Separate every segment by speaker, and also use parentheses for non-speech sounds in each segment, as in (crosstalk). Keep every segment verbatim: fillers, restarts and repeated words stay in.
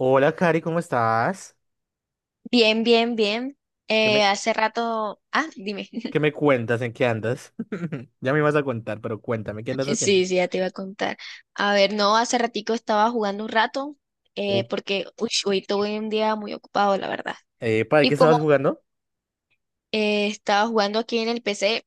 Speaker 1: Hola, Cari, ¿cómo estás?
Speaker 2: Bien, bien, bien.
Speaker 1: ¿Qué
Speaker 2: Eh,
Speaker 1: me,
Speaker 2: hace rato, ah, dime. (laughs)
Speaker 1: qué me cuentas? ¿En qué andas? (laughs) Ya me ibas a contar, pero cuéntame, ¿qué andas
Speaker 2: Sí,
Speaker 1: haciendo?
Speaker 2: sí, ya te iba a contar. A ver, no, hace ratico estaba jugando un rato,
Speaker 1: Uh,
Speaker 2: eh, porque uy, hoy tuve un día muy ocupado, la verdad.
Speaker 1: Epa, ¿de
Speaker 2: Y
Speaker 1: qué
Speaker 2: como
Speaker 1: estabas jugando?
Speaker 2: eh, estaba jugando aquí en el P C,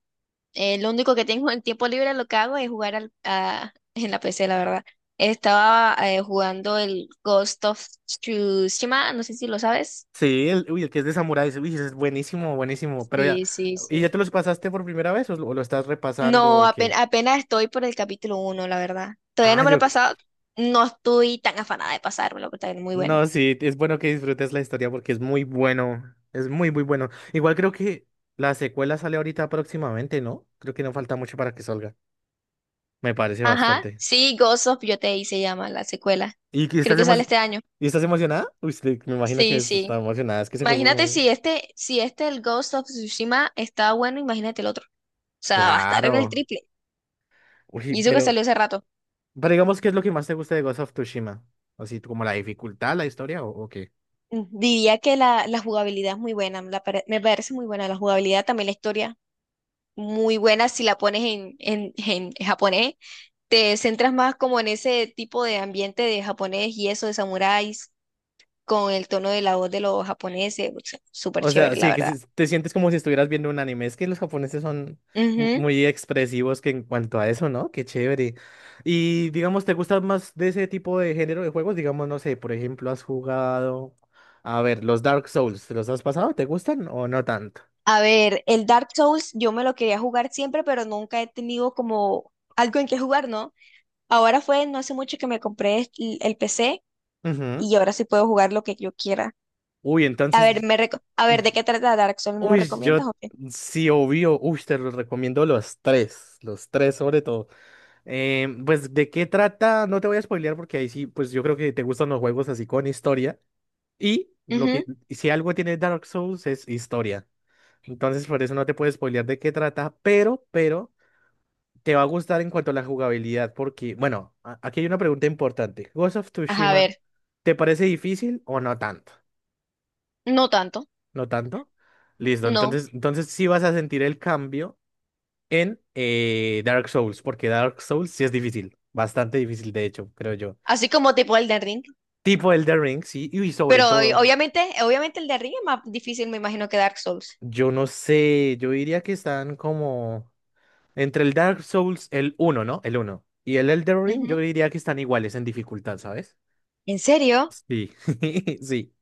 Speaker 2: eh, lo único que tengo en tiempo libre lo que hago es jugar al, a- (laughs) en la P C, la verdad. Estaba eh, jugando el Ghost of Tsushima, no sé si lo sabes.
Speaker 1: Sí, el, uy, el que es de samuráis, uy, ese es buenísimo, buenísimo, pero ya,
Speaker 2: Sí, sí,
Speaker 1: ¿y
Speaker 2: sí.
Speaker 1: ya te los pasaste por primera vez o lo, o lo estás repasando
Speaker 2: No,
Speaker 1: o
Speaker 2: apen-
Speaker 1: qué?
Speaker 2: apenas, estoy por el capítulo uno la verdad. Todavía
Speaker 1: Ah,
Speaker 2: no me lo he
Speaker 1: yo,
Speaker 2: pasado. No estoy tan afanada de pasármelo, pero está muy bueno.
Speaker 1: no, sí, es bueno que disfrutes la historia porque es muy bueno, es muy, muy bueno. Igual creo que la secuela sale ahorita próximamente, ¿no? Creo que no falta mucho para que salga, me parece
Speaker 2: Ajá,
Speaker 1: bastante.
Speaker 2: sí, Ghost of Yotei se llama la secuela.
Speaker 1: ¿Y que
Speaker 2: Creo
Speaker 1: estás
Speaker 2: que sale
Speaker 1: emo-
Speaker 2: este año.
Speaker 1: ¿Y estás emocionada? Uy, sí, me imagino que
Speaker 2: Sí, sí.
Speaker 1: está emocionada, es que se fue.
Speaker 2: Imagínate
Speaker 1: como-
Speaker 2: si este, si este, el Ghost of Tsushima, está bueno, imagínate el otro. O sea, va a estar en
Speaker 1: Claro.
Speaker 2: el triple.
Speaker 1: Uy,
Speaker 2: Y eso que
Speaker 1: pero,
Speaker 2: salió hace rato.
Speaker 1: pero digamos, ¿qué es lo que más te gusta de Ghost of Tsushima? Así, como la dificultad, la historia o, o qué?
Speaker 2: Diría que la, la jugabilidad es muy buena, la pare- me parece muy buena la jugabilidad, también la historia, muy buena si la pones en, en, en japonés te centras más como en ese tipo de ambiente de japonés y eso de samuráis con el tono de la voz de los japoneses, o sea, súper
Speaker 1: O sea,
Speaker 2: chévere, la
Speaker 1: sí, que
Speaker 2: verdad.
Speaker 1: si- te sientes como si estuvieras viendo un anime. Es que los japoneses son mu-
Speaker 2: Ujú.
Speaker 1: muy expresivos que en cuanto a eso, ¿no? Qué chévere. Y digamos, ¿te gusta más de ese tipo de género de juegos? Digamos, no sé, por ejemplo, has jugado... A ver, los Dark Souls, ¿te los has pasado? ¿Te gustan o no tanto?
Speaker 2: A ver, el Dark Souls yo me lo quería jugar siempre, pero nunca he tenido como algo en que jugar, ¿no? Ahora fue no hace mucho que me compré el, el P C
Speaker 1: Ujú.
Speaker 2: y ahora sí puedo jugar lo que yo quiera.
Speaker 1: Uy,
Speaker 2: A ver,
Speaker 1: entonces,
Speaker 2: me reco- a ver, ¿de qué trata Dark Souls? ¿Me lo
Speaker 1: uy, yo
Speaker 2: recomiendas o qué?
Speaker 1: sí, obvio, uy, te los recomiendo los tres, los tres sobre todo. Eh, pues, ¿de qué trata? No te voy a spoilear porque ahí sí, pues yo creo que te gustan los juegos así con historia. Y lo
Speaker 2: Ujú.
Speaker 1: que, si algo tiene Dark Souls es historia. Entonces, por eso no te puedo spoilear de qué trata, pero, pero, te va a gustar en cuanto a la jugabilidad porque, bueno, a- aquí hay una pregunta importante. ¿Ghost of
Speaker 2: Ajá, a
Speaker 1: Tsushima,
Speaker 2: ver,
Speaker 1: ¿te parece difícil o no tanto?
Speaker 2: no tanto,
Speaker 1: No tanto. Listo,
Speaker 2: no.
Speaker 1: entonces, entonces sí vas a sentir el cambio en eh, Dark Souls, porque Dark Souls sí es difícil, bastante difícil de hecho, creo yo.
Speaker 2: Así como tipo Elden Ring.
Speaker 1: Tipo Elden Ring, sí, y sobre
Speaker 2: Pero ob-
Speaker 1: todo,
Speaker 2: obviamente, obviamente el de arriba es más difícil, me imagino, que Dark Souls.
Speaker 1: yo no sé, yo diría que están como entre el Dark Souls, el uno ¿no? El uno y el Elden Ring, yo
Speaker 2: Ujú.
Speaker 1: diría que están iguales en dificultad, ¿sabes?
Speaker 2: ¿En serio?
Speaker 1: Sí, (laughs) sí.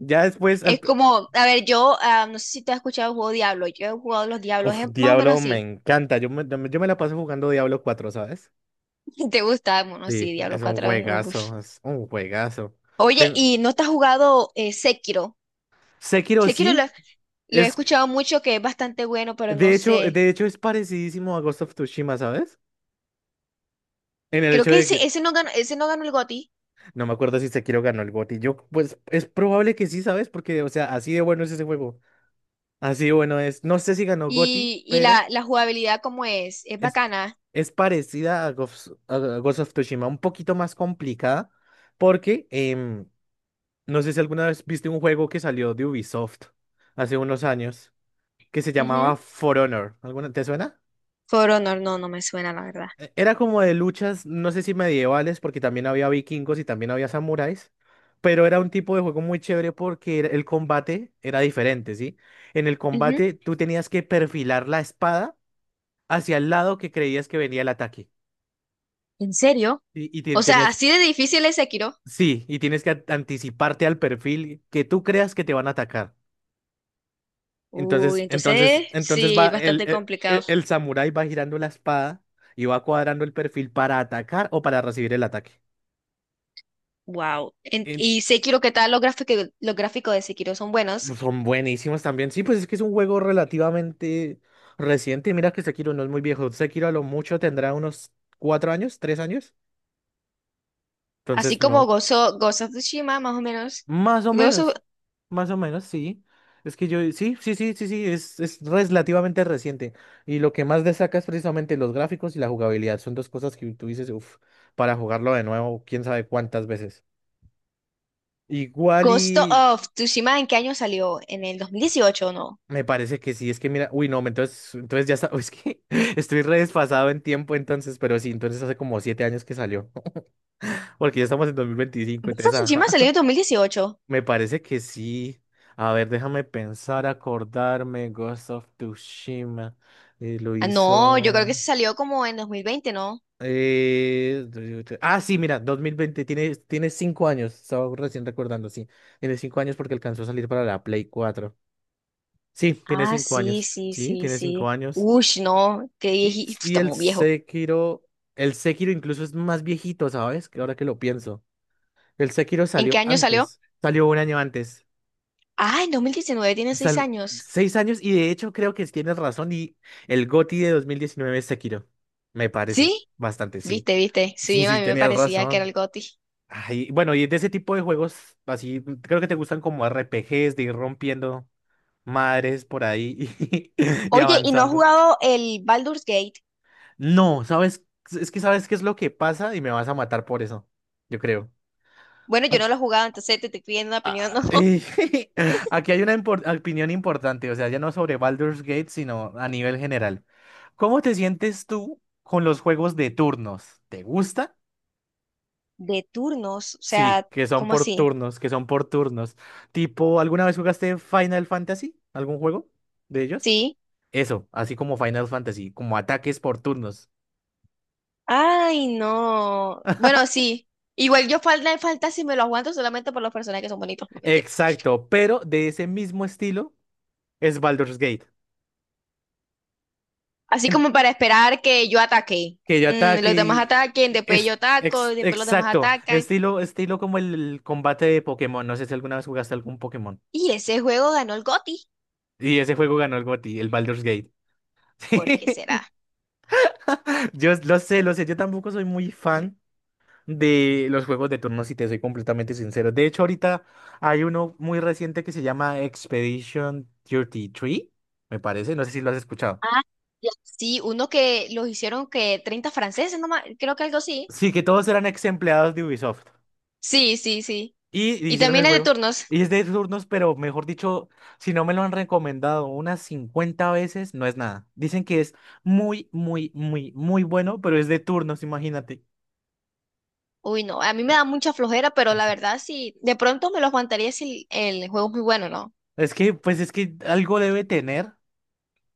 Speaker 1: Ya después, al...
Speaker 2: Es
Speaker 1: pr-
Speaker 2: como, a ver, yo ah, no sé si tú has escuchado el juego Diablo. Yo he jugado los Diablos,
Speaker 1: uf,
Speaker 2: es más o menos
Speaker 1: Diablo me
Speaker 2: así.
Speaker 1: encanta, yo me, yo me la paso jugando Diablo cuatro ¿sabes?
Speaker 2: (laughs) ¿Te gusta? Bueno, sí,
Speaker 1: Sí,
Speaker 2: Diablo
Speaker 1: es un
Speaker 2: cuatro eh, uf.
Speaker 1: juegazo, es un juegazo.
Speaker 2: Oye,
Speaker 1: Te-
Speaker 2: ¿y no te has jugado eh, Sekiro?
Speaker 1: Sekiro
Speaker 2: Sekiro
Speaker 1: sí,
Speaker 2: lo, lo he
Speaker 1: es,
Speaker 2: escuchado mucho, que es bastante bueno, pero no
Speaker 1: de hecho,
Speaker 2: sé.
Speaker 1: de hecho es parecidísimo a Ghost of Tsushima, ¿sabes? En el
Speaker 2: Creo
Speaker 1: hecho
Speaker 2: que
Speaker 1: de
Speaker 2: ese,
Speaker 1: que,
Speaker 2: ese no ganó, ese no ganó el G O T Y.
Speaker 1: no me acuerdo si Sekiro ganó el G O T Y, yo, pues, es probable que sí, ¿sabes? Porque, o sea, así de bueno es ese juego, así de bueno es, no sé si ganó G O T Y,
Speaker 2: Y, y la,
Speaker 1: pero
Speaker 2: la jugabilidad, ¿cómo es? Es
Speaker 1: es,
Speaker 2: bacana.
Speaker 1: es parecida a Ghost, a Ghost of Tsushima, un poquito más complicada, porque, em, no sé si alguna vez viste un juego que salió de Ubisoft hace unos años, que se
Speaker 2: Ujú.
Speaker 1: llamaba For Honor. ¿Alguna, te suena?
Speaker 2: For Honor, no, no me suena, la verdad.
Speaker 1: E- Era como de luchas, no sé si medievales, porque también había vikingos y también había samuráis, pero era un tipo de juego muy chévere porque era- el combate era diferente, ¿sí? En el
Speaker 2: Ujú.
Speaker 1: combate tú tenías que perfilar la espada hacia el lado que creías que venía el ataque.
Speaker 2: ¿En serio?
Speaker 1: Y, y te-
Speaker 2: O sea,
Speaker 1: tenías,
Speaker 2: así de difícil es Sekiro.
Speaker 1: sí, y tienes que a- anticiparte al perfil que tú creas que te van a atacar.
Speaker 2: Uy,
Speaker 1: Entonces, entonces,
Speaker 2: entonces
Speaker 1: entonces va
Speaker 2: sí,
Speaker 1: el,
Speaker 2: bastante
Speaker 1: el, el-
Speaker 2: complicado.
Speaker 1: el samurái va girando la espada y va cuadrando el perfil para atacar o para recibir el ataque.
Speaker 2: Wow.
Speaker 1: En-
Speaker 2: Y Sekiro, ¿qué tal? Los gráficos, los gráficos de Sekiro son buenos.
Speaker 1: pues, son buenísimos también. Sí, pues es que es un juego relativamente reciente. Mira que Sekiro no es muy viejo. Sekiro a lo mucho tendrá unos cuatro años, tres años.
Speaker 2: Así
Speaker 1: Entonces,
Speaker 2: como
Speaker 1: no.
Speaker 2: Gozo- Ghost of Tsushima, más o menos.
Speaker 1: Más o
Speaker 2: Ghost of,
Speaker 1: menos, más o menos, sí. Es que yo, sí, sí, sí, sí, sí, es, es relativamente reciente. Y lo que más destaca es precisamente los gráficos y la jugabilidad. Son dos cosas que tú dices, uff, para jugarlo de nuevo, quién sabe cuántas veces. Igual
Speaker 2: Ghost
Speaker 1: y
Speaker 2: of Tsushima, ¿en qué año salió? ¿En el dos mil dieciocho o no?
Speaker 1: me parece que sí, es que mira, uy, no, entonces, entonces ya está, (laughs) es que estoy re desfasado en tiempo entonces, pero sí, entonces hace como siete años que salió, (laughs) porque ya estamos en dos mil veinticinco
Speaker 2: Ghost of
Speaker 1: entonces,
Speaker 2: Tsushima
Speaker 1: ajá.
Speaker 2: salió en dos mil dieciocho.
Speaker 1: Me parece que sí. A ver, déjame pensar, acordarme. Ghost of Tsushima. Eh, lo
Speaker 2: Ah, no, yo creo que
Speaker 1: hizo.
Speaker 2: se salió como en dos mil veinte, ¿no?
Speaker 1: eh, Ah, sí, mira, dos mil veinte tiene, tiene cinco años. Estaba recién recordando, sí. Tiene cinco años porque alcanzó a salir para la Play cuatro. Sí, tiene
Speaker 2: Ah,
Speaker 1: cinco
Speaker 2: sí,
Speaker 1: años.
Speaker 2: sí,
Speaker 1: Sí,
Speaker 2: sí,
Speaker 1: tiene cinco
Speaker 2: sí.
Speaker 1: años.
Speaker 2: Ush, no, qué
Speaker 1: Y,
Speaker 2: vieji- (laughs)
Speaker 1: y
Speaker 2: está
Speaker 1: el
Speaker 2: muy viejo.
Speaker 1: Sekiro. El Sekiro incluso es más viejito, ¿sabes? Que ahora que lo pienso. El Sekiro
Speaker 2: ¿En qué
Speaker 1: salió
Speaker 2: año salió?
Speaker 1: antes. Salió un año antes.
Speaker 2: Ah, en dos mil diecinueve. Tiene seis
Speaker 1: Sal-
Speaker 2: años.
Speaker 1: Seis años y de hecho creo que tienes razón y el G O T Y de dos mil diecinueve es Sekiro. Me parece
Speaker 2: ¿Sí?
Speaker 1: bastante, sí.
Speaker 2: Viste, viste. Sí,
Speaker 1: Sí,
Speaker 2: a
Speaker 1: sí,
Speaker 2: mí me
Speaker 1: tenías
Speaker 2: parecía que era
Speaker 1: razón.
Speaker 2: el G O T Y.
Speaker 1: Ay, bueno, y de ese tipo de juegos así, creo que te gustan como R P Gs de ir rompiendo madres por ahí y, (laughs) y
Speaker 2: Oye, ¿y no has
Speaker 1: avanzando.
Speaker 2: jugado el Baldur's Gate?
Speaker 1: No, ¿sabes? Es que sabes qué es lo que pasa y me vas a matar por eso, yo creo.
Speaker 2: Bueno, yo no lo he jugado, entonces te estoy pidiendo una opinión, (laughs)
Speaker 1: Ah,
Speaker 2: ¿no?
Speaker 1: y (laughs) aquí hay una impor- opinión importante, o sea, ya no sobre Baldur's Gate, sino a nivel general. ¿Cómo te sientes tú con los juegos de turnos? ¿Te gusta?
Speaker 2: De turnos, o
Speaker 1: Sí,
Speaker 2: sea,
Speaker 1: que son
Speaker 2: ¿cómo
Speaker 1: por
Speaker 2: así?
Speaker 1: turnos, que son por turnos. Tipo, ¿alguna vez jugaste Final Fantasy? ¿Algún juego de ellos?
Speaker 2: Sí.
Speaker 1: Eso, así como Final Fantasy, como ataques por turnos.
Speaker 2: Ay, no. Bueno,
Speaker 1: (laughs)
Speaker 2: sí. Igual yo falta falta si me lo aguanto solamente por los personajes que son bonitos, no me tienen.
Speaker 1: Exacto, pero de ese mismo estilo es Baldur's Gate.
Speaker 2: Así como para esperar que yo ataque.
Speaker 1: Que yo
Speaker 2: Mm,
Speaker 1: ataque
Speaker 2: los demás
Speaker 1: y...
Speaker 2: ataquen, después
Speaker 1: Es,
Speaker 2: yo ataco,
Speaker 1: ex-
Speaker 2: y después los demás
Speaker 1: exacto,
Speaker 2: atacan.
Speaker 1: estilo, estilo como el combate de Pokémon. No sé si alguna vez jugaste algún Pokémon.
Speaker 2: Y ese juego ganó el G O T Y.
Speaker 1: Y ese juego ganó el G O T Y, el Baldur's Gate.
Speaker 2: ¿Por qué será?
Speaker 1: (laughs) Yo lo sé, lo sé, yo tampoco soy muy fan de los juegos de turnos, si te soy completamente sincero. De hecho, ahorita hay uno muy reciente que se llama Expedition treinta y tres, me parece, no sé si lo has escuchado.
Speaker 2: Sí, uno que los hicieron que treinta franceses nomás, creo que algo así.
Speaker 1: Sí, que todos eran ex empleados de Ubisoft.
Speaker 2: Sí, sí, sí.
Speaker 1: Y
Speaker 2: Y
Speaker 1: hicieron
Speaker 2: también
Speaker 1: el
Speaker 2: hay de
Speaker 1: juego.
Speaker 2: turnos.
Speaker 1: Y es de turnos, pero mejor dicho, si no me lo han recomendado unas cincuenta veces, no es nada. Dicen que es muy, muy, muy, muy bueno, pero es de turnos, imagínate.
Speaker 2: Uy, no, a mí me da mucha flojera, pero la verdad sí, de pronto me los aguantaría si el el juego es muy bueno, ¿no?
Speaker 1: Es que, pues es que algo debe tener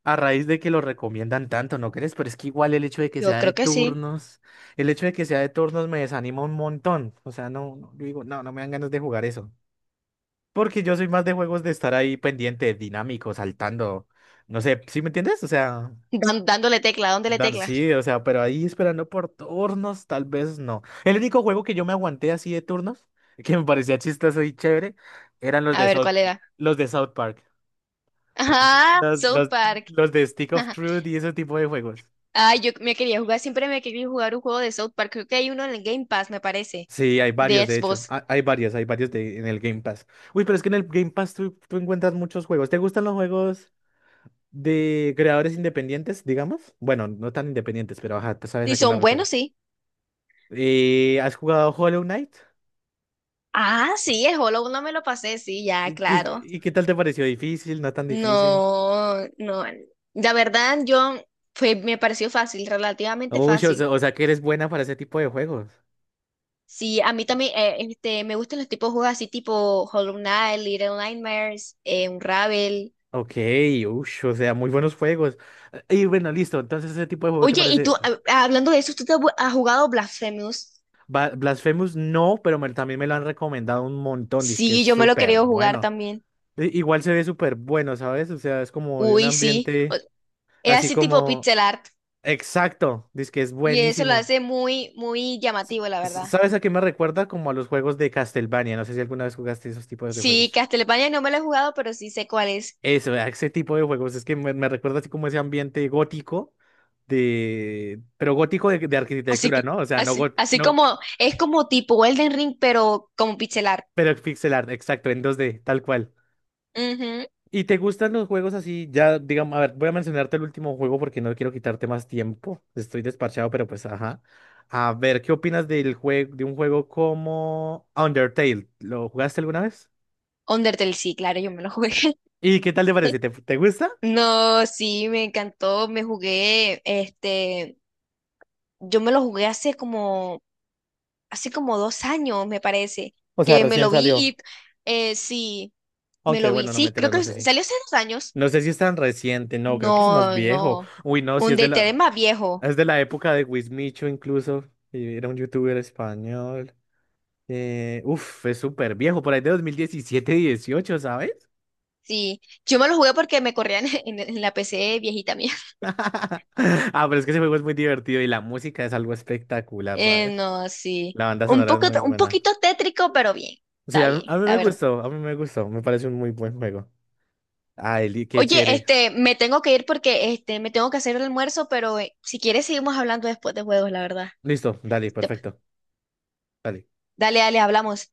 Speaker 1: a raíz de que lo recomiendan tanto, ¿no crees? Pero es que igual el hecho de que
Speaker 2: Yo
Speaker 1: sea de
Speaker 2: creo que sí.
Speaker 1: turnos, el hecho de que sea de turnos me desanima un montón. O sea, no, no, yo digo, no, no me dan ganas de jugar eso. Porque yo soy más de juegos de estar ahí pendiente, dinámico, saltando. No sé, ¿sí me entiendes? O sea.
Speaker 2: Dan- dándole tecla, dándole
Speaker 1: Dan-
Speaker 2: tecla.
Speaker 1: sí, o sea, pero ahí esperando por turnos, tal vez no. El único juego que yo me aguanté así de turnos, (laughs) que me parecía chistoso y chévere, eran los
Speaker 2: A
Speaker 1: de
Speaker 2: ver,
Speaker 1: South,
Speaker 2: ¿cuál era?
Speaker 1: los de South Park, los,
Speaker 2: Ajá,
Speaker 1: los,
Speaker 2: South
Speaker 1: los,
Speaker 2: Park.
Speaker 1: los de Stick of Truth
Speaker 2: (laughs)
Speaker 1: y ese tipo de juegos.
Speaker 2: Ay, yo me quería jugar, siempre me quería jugar un juego de South Park. Creo que hay uno en el Game Pass, me parece,
Speaker 1: Sí, hay
Speaker 2: de
Speaker 1: varios, de hecho.
Speaker 2: Xbox.
Speaker 1: Ha- Hay varios, hay varios de, en el Game Pass. Uy, pero es que en el Game Pass tú, tú encuentras muchos juegos. ¿Te gustan los juegos de creadores independientes, digamos? Bueno, no tan independientes, pero ajá, tú sabes
Speaker 2: Y
Speaker 1: a qué me
Speaker 2: son
Speaker 1: refiero.
Speaker 2: buenos, sí.
Speaker 1: Eh, ¿has jugado Hollow Knight?
Speaker 2: Ah, sí, el Hollow no me lo pasé, sí, ya,
Speaker 1: ¿Y qué,
Speaker 2: claro.
Speaker 1: y qué tal te pareció? ¿Difícil? ¿No tan difícil?
Speaker 2: No, no. La verdad, yo fue, me pareció fácil, relativamente
Speaker 1: Uy, o
Speaker 2: fácil.
Speaker 1: sea, o sea que eres buena para ese tipo de juegos.
Speaker 2: Sí, a mí también eh, este, me gustan los tipos de juegos así tipo Hollow Knight, Little Nightmares, eh, Unravel.
Speaker 1: Ok, uy, o sea, muy buenos juegos. Eh, Y bueno, listo. Entonces, ese tipo de juego te
Speaker 2: Oye, y tú,
Speaker 1: parece.
Speaker 2: ah, ah, hablando de eso, ¿tú te has bu- has jugado Blasphemous?
Speaker 1: Ba- Blasphemous no, pero me- también me lo han recomendado un montón. Dice que es
Speaker 2: Sí, yo me lo he
Speaker 1: súper
Speaker 2: querido jugar
Speaker 1: bueno.
Speaker 2: también.
Speaker 1: I- Igual se ve súper bueno, ¿sabes? O sea, es como de un
Speaker 2: Uy, sí. O-
Speaker 1: ambiente
Speaker 2: Es
Speaker 1: así
Speaker 2: así tipo
Speaker 1: como.
Speaker 2: pixel art.
Speaker 1: Exacto, dice que es
Speaker 2: Y eso lo
Speaker 1: buenísimo.
Speaker 2: hace muy, muy
Speaker 1: S-
Speaker 2: llamativo, la
Speaker 1: s-
Speaker 2: verdad.
Speaker 1: ¿Sabes a qué me recuerda? Como a los juegos de Castlevania. No sé si alguna vez jugaste esos tipos de
Speaker 2: Sí,
Speaker 1: juegos.
Speaker 2: Castlevania no me lo he jugado, pero sí sé cuál es.
Speaker 1: Eso, ¿verdad? Ese tipo de juegos, es que me, me recuerda así como ese ambiente gótico de, pero gótico de, de
Speaker 2: Así
Speaker 1: arquitectura,
Speaker 2: que,
Speaker 1: ¿no? O sea, no
Speaker 2: así,
Speaker 1: got-
Speaker 2: así
Speaker 1: no,
Speaker 2: como, es como tipo Elden Ring, pero como pixelar.
Speaker 1: pero pixel art, exacto, en dos d tal cual.
Speaker 2: Ujú.
Speaker 1: ¿Y te gustan los juegos así? Ya, digamos, a ver, voy a mencionarte el último juego porque no quiero quitarte más tiempo. Estoy desparchado, pero pues, ajá. A ver, ¿qué opinas del juego, de un juego como Undertale? ¿Lo jugaste alguna vez?
Speaker 2: Undertale, sí, claro, yo me lo jugué. (laughs)
Speaker 1: ¿Y qué tal te parece? ¿Te, te gusta?
Speaker 2: No, sí, me encantó, me jugué, este, yo me lo jugué hace como, hace como dos años, me parece,
Speaker 1: O sea,
Speaker 2: que me
Speaker 1: recién
Speaker 2: lo vi
Speaker 1: salió.
Speaker 2: y, eh, sí, me
Speaker 1: Aunque
Speaker 2: lo vi,
Speaker 1: bueno, no me
Speaker 2: sí, creo
Speaker 1: enteras,
Speaker 2: que
Speaker 1: no sé
Speaker 2: s-
Speaker 1: si.
Speaker 2: salió hace dos años.
Speaker 1: No sé si es tan reciente, no, creo que es más
Speaker 2: No,
Speaker 1: viejo.
Speaker 2: no,
Speaker 1: Uy, no, si
Speaker 2: un
Speaker 1: es de
Speaker 2: D T es
Speaker 1: la,
Speaker 2: más viejo,
Speaker 1: es de la época de Wismicho incluso. Y era un youtuber español. Eh, uf, es súper viejo, por ahí de dos mil diecisiete, dieciocho, ¿sabes?
Speaker 2: sí, yo me lo jugué porque me corrían (laughs) en, en la P C viejita mía.
Speaker 1: (laughs) Ah, pero es que ese juego es muy divertido y la música es algo espectacular,
Speaker 2: Eh,
Speaker 1: ¿sabes?
Speaker 2: no, sí.
Speaker 1: La banda
Speaker 2: Un
Speaker 1: sonora es
Speaker 2: poco,
Speaker 1: muy
Speaker 2: un
Speaker 1: buena.
Speaker 2: poquito tétrico, pero bien.
Speaker 1: Sí,
Speaker 2: Está
Speaker 1: a mí,
Speaker 2: bien,
Speaker 1: a mí
Speaker 2: la
Speaker 1: me
Speaker 2: verdad.
Speaker 1: gustó, a mí me gustó, me parece un muy buen juego. Ay, li- qué
Speaker 2: Oye,
Speaker 1: chévere.
Speaker 2: este, me tengo que ir porque este, me tengo que hacer el almuerzo, pero eh, si quieres seguimos hablando después de juegos, la verdad.
Speaker 1: Listo, dale,
Speaker 2: Te-
Speaker 1: perfecto. Dale.
Speaker 2: Dale, dale, hablamos.